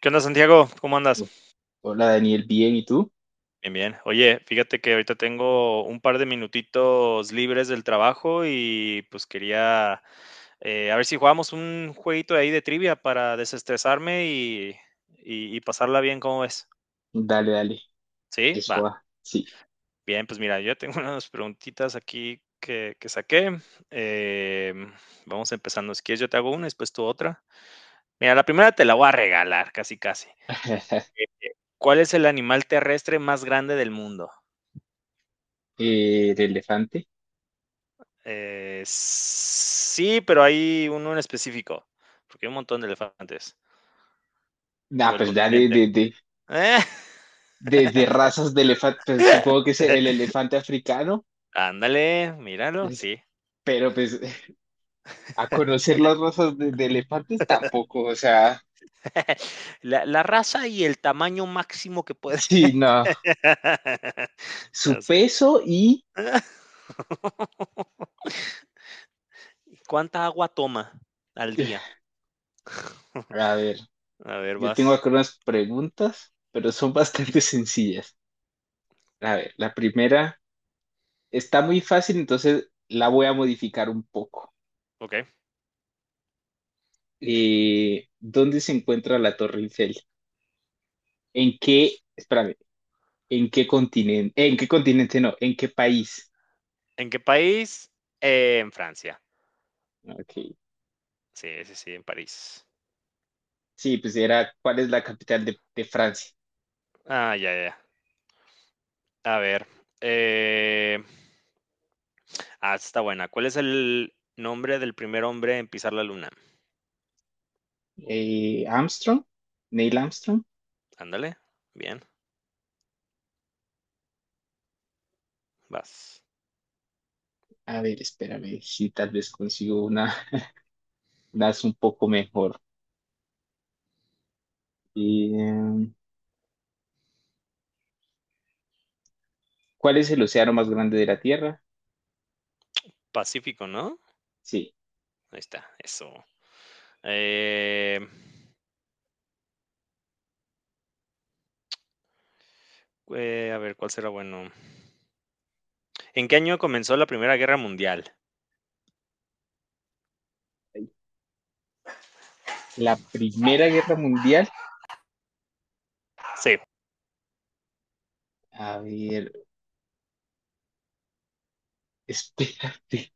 ¿Qué onda, Santiago? ¿Cómo andas? Hola Daniel, bien, ¿y tú? Bien, bien. Oye, fíjate que ahorita tengo un par de minutitos libres del trabajo y pues quería a ver si jugamos un jueguito ahí de trivia para desestresarme y, y pasarla bien, ¿cómo ves? Dale, dale, Sí, eso va. va, sí. Bien, pues mira, yo ya tengo unas preguntitas aquí que saqué. Em, Vamos empezando. Si quieres, yo te hago una, después tú otra. Mira, la primera te la voy a regalar, casi, casi. ¿Cuál es el animal terrestre más grande del mundo? De elefante. Sí, pero hay uno en específico, porque hay un montón de elefantes, Ah, o el pues ya de, continente. de, de, ¡Eh! de, de razas de elefante, pues supongo que es el elefante africano, Ándale, míralo, pues, sí. pero pues a conocer las razas de elefantes tampoco, o sea, La raza y el tamaño máximo que puede. sí, no. Su Ya sé. peso y, ¿Cuánta agua toma al día? a ver, A ver, yo tengo vas. acá unas preguntas, pero son bastante sencillas. A ver, la primera está muy fácil, entonces la voy a modificar un poco. ¿Ok? ¿Dónde se encuentra la Torre Eiffel? Espérame, ¿en qué continente, en qué continente no, en qué país? ¿En qué país? En Francia. Ok. Sí, sí, sí, en París. Sí, pues era, ¿cuál es la capital de Francia? Ah, ya, ya, ya. A ver, eh ah, está buena. ¿Cuál es el nombre del primer hombre en pisar la luna? Armstrong, Neil Armstrong. Ándale, bien, vas. A ver, espérame, si tal vez consigo una, das un poco mejor. Eh, ¿Cuál es el océano más grande de la Tierra? Pacífico, ¿no? Sí, Ahí está, eso. Eh, a ver, ¿cuál será bueno? ¿En qué año comenzó la Primera Guerra Mundial? la Primera Guerra Mundial. Sí. A ver, espérate.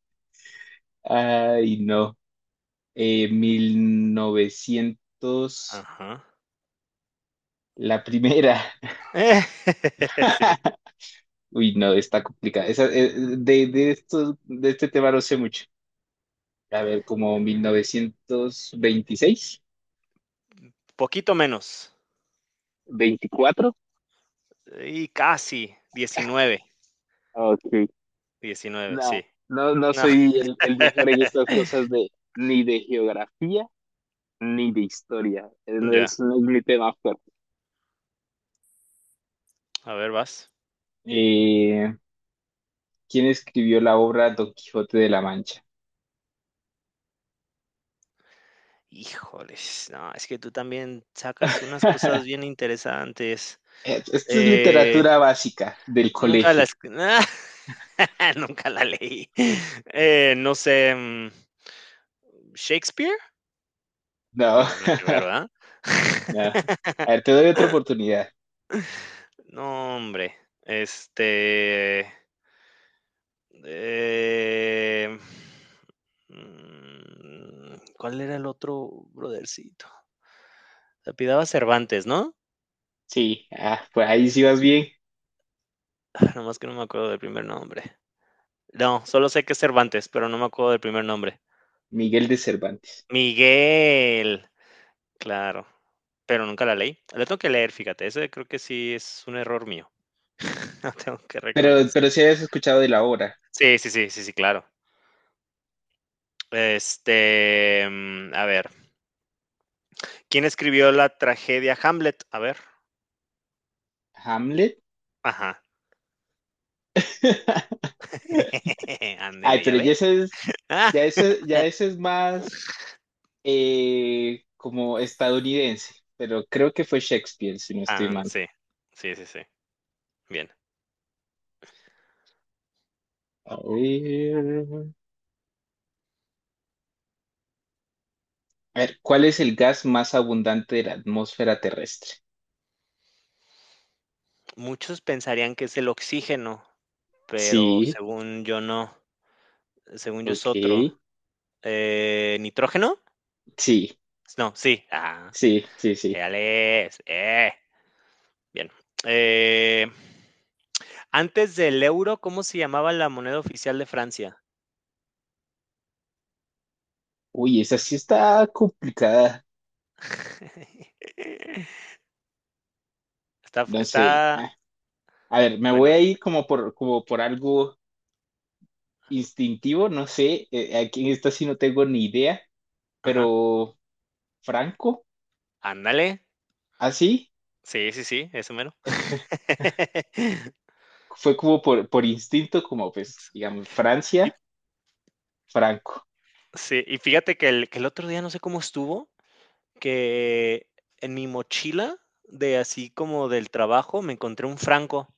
Ay, no. 1900, Ajá. la primera. Eh, sí. Uy, no, está complicada. Esa, de este tema no sé mucho. A ver, como 1926, Poquito menos. 24. Y casi. 19, Ok. 19, No, sí. no, No, soy el mejor en estas cosas de ni de geografía ni de historia. No ya. es, no es mi tema fuerte. A ver, vas. Eh, ¿Quién escribió la obra Don Quijote de la Mancha? Híjoles, no, es que tú también sacas unas cosas bien interesantes. Esto es Eh, literatura básica del Nunca colegio. las nunca la leí. No sé, ¿Shakespeare? No, No, nada que ver, ¿verdad? no. A ver, te doy otra oportunidad. No, hombre. Este, eh, ¿Cuál era el otro brodercito? Se apellidaba Cervantes, ¿no? Sí, ah, pues ahí sí vas bien, Ah, nomás que no me acuerdo del primer nombre. No, solo sé que es Cervantes, pero no me acuerdo del primer nombre. Miguel de Cervantes. Miguel. Claro, pero nunca la leí. La tengo que leer, fíjate, ese creo que sí es un error mío. Lo tengo que reconocer. Pero si habías escuchado de la obra, Sí, sí, sí, sí, sí, claro. A ver, ¿quién escribió la tragedia Hamlet? A ver. Hamlet. Ajá. Ay, Ándele, ¿ya pero ve? Ah, ya ese es más como estadounidense, pero creo que fue Shakespeare, si no estoy am, mal. sí. Sí, sí, sí. Bien. A ver. A ver, ¿cuál es el gas más abundante de la atmósfera terrestre? Muchos pensarían que es el oxígeno, pero Sí, según yo no. Según yo es otro. ok. ¿Nitrógeno? Sí, No, sí. Ah, sí, sí, sí. ya lees. Bien. Eh, antes del euro, ¿cómo se llamaba la moneda oficial de Francia? Uy, esa sí está complicada. Está, No está, sé. Ah, a ver, me voy a bueno, ir como por, como por algo instintivo, no sé. Aquí en esta sí no tengo ni idea, ajá. pero Franco, Ándale. así, Sí, sí, sí, eso mero. fue como por instinto, como pues, digamos, Y, Francia, Franco. sí, y fíjate que que el otro día no sé cómo estuvo, que en mi mochila de así como del trabajo me encontré un franco.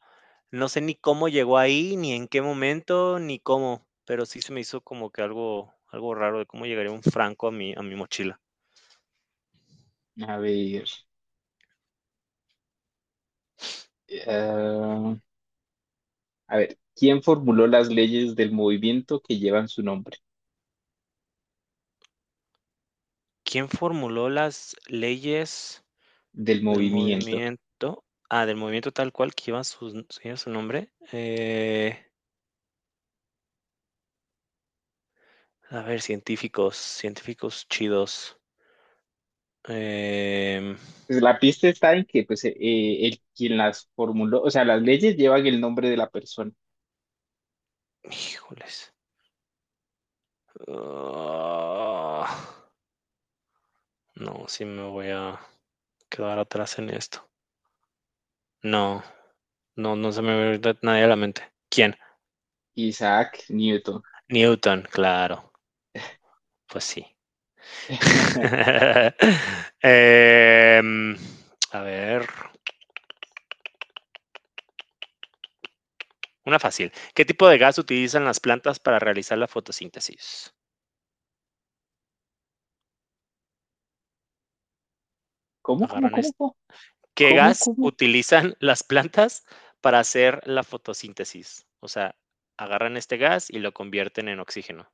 No sé ni cómo llegó ahí, ni en qué momento, ni cómo, pero sí se me hizo como que algo raro de cómo llegaría un franco a mi mochila. A ver, eh, ah, a ver, ¿quién formuló las leyes del movimiento que llevan su nombre? ¿Quién formuló las leyes Del del movimiento. movimiento? Ah, del movimiento tal cual que lleva su nombre, a ver, científicos chidos, em, Pues la pista está en que pues, el quien las formuló, o sea, las leyes llevan el nombre de la persona, híjoles, ah, no, sí me voy a quedar atrás en esto. No. No, no se me ve ahorita nadie a la mente. ¿Quién? Isaac Newton. Newton, claro. Pues sí. Em, a ver, una fácil. ¿Qué tipo de gas utilizan las plantas para realizar la fotosíntesis? ¿Cómo, cómo, Agarran cómo, es- cómo, ¿Qué gas cómo? utilizan las plantas para hacer la fotosíntesis? O sea, agarran este gas y lo convierten en oxígeno.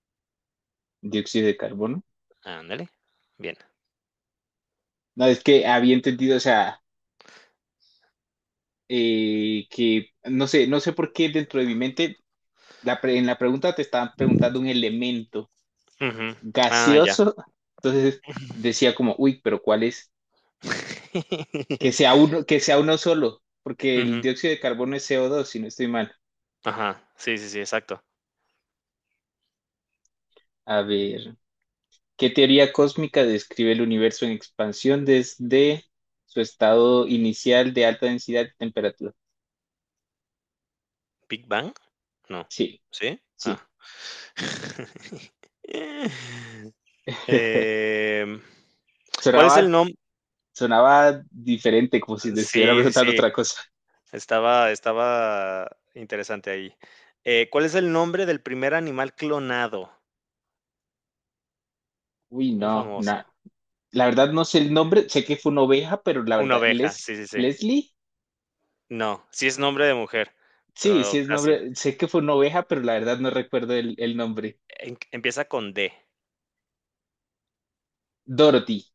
Dióxido de carbono. Ándale. Bien. No, es que había entendido, o sea, que no sé, no sé por qué dentro de mi mente, en la pregunta te estaban preguntando un elemento Ujú. Ah, ya. gaseoso, entonces decía como, uy, pero ¿cuál es? Que sea uno solo, porque el Ujú. dióxido de carbono es co dos si no estoy mal. Ajá. Sí, sí, sí, exacto. A ver. ¿Qué teoría cósmica describe el universo en expansión desde su estado inicial de alta densidad y temperatura? ¿Big Bang? No, Sí, ¿sí? sí. Ah. Eh, Em, ¿cuál es Sonaba, el nombre? sonaba diferente, como si te estuviera Sí, sí, preguntando sí, otra cosa. Estaba interesante ahí. ¿Cuál es el nombre del primer animal clonado? Uy, Muy no, no. famoso. La verdad no sé el nombre, sé que fue una oveja, pero la Una verdad, oveja, sí, ¿Les, sí, sí. Leslie? No, sí es nombre de mujer, Sí, sí pero es casi. nombre, sé que fue una oveja, pero la verdad no recuerdo el nombre. Empieza con D, Dorothy.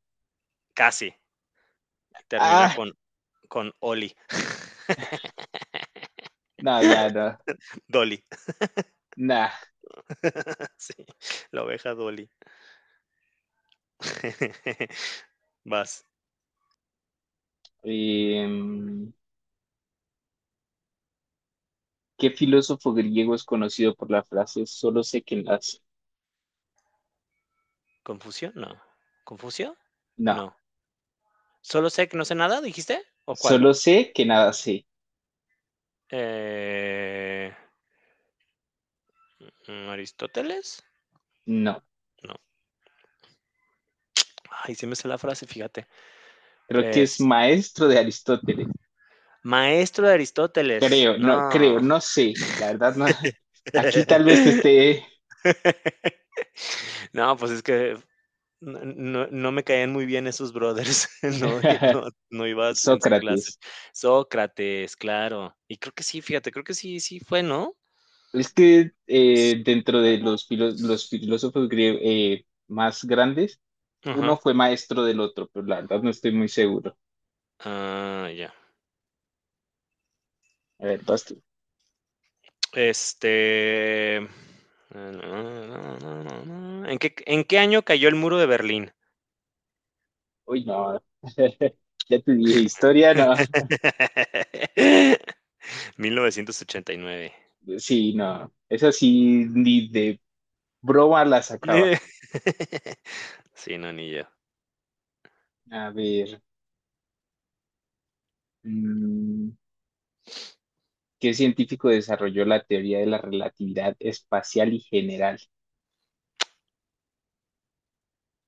casi, y termina Ah, con Oli, no, ya no. Dolly. Nah. Sí, la oveja Dolly. Vas. Em, ¿Qué filósofo griego es conocido por la frase solo sé que nada sé? ¿Confusión? No. Confusión, No, no. ¿Solo sé que no sé nada, dijiste? ¿O cuál? solo sé que nada sé. Eh, ¿Aristóteles? No, No. Ay, sí me sé la frase, fíjate. creo que es Es maestro de Aristóteles. maestro de Aristóteles. No. Creo, no sé. La verdad, no. Aquí tal vez esté No, pues es que no me caían muy bien esos brothers. No, no, no ibas en su clase. Sócrates. Sócrates, claro. Y creo que sí, fíjate, creo que sí, sí fue, ¿no? Es que dentro de los, los Sócrates. filósofos griegos más grandes, uno Ajá. fue maestro del otro, pero la verdad no estoy muy seguro. Ah, ya. A ver, vas tú. Este. eh, en qué año cayó el muro de Berlín? Uy, no. Ya te dije, historia, no. 1989. Sí, no, esa sí ni de broma la sacaba. Sí, no, ni yo. A ver, mm, ¿qué científico desarrolló la teoría de la relatividad espacial y general?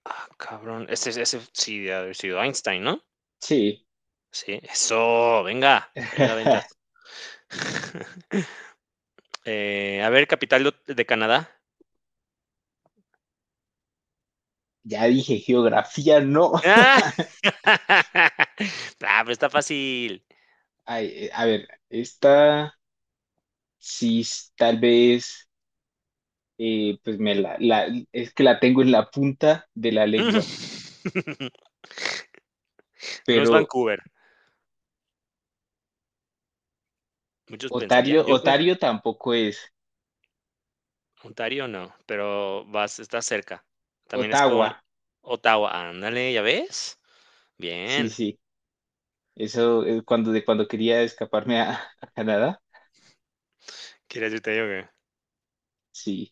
Ah, cabrón. Ese sí debe haber sido Einstein, ¿no? Sí, Sí. Eso, venga, venga, ventas. A ver, capital de Canadá. ya dije geografía, no. ¡Ah! ah, pero está fácil. Ay, a ver, esta sí tal vez, pues me es que la tengo en la punta de la lengua, No es pero Vancouver. Muchos Otario, pensarían, yo pues, Otario tampoco es. Ontario no, pero vas estás cerca. También es con Ottawa, Ottawa, ándale, ¿ya ves? sí, Bien. sí. Eso, cuando, de cuando quería escaparme a, a Canadá, ¿Quieres irte yo? sí.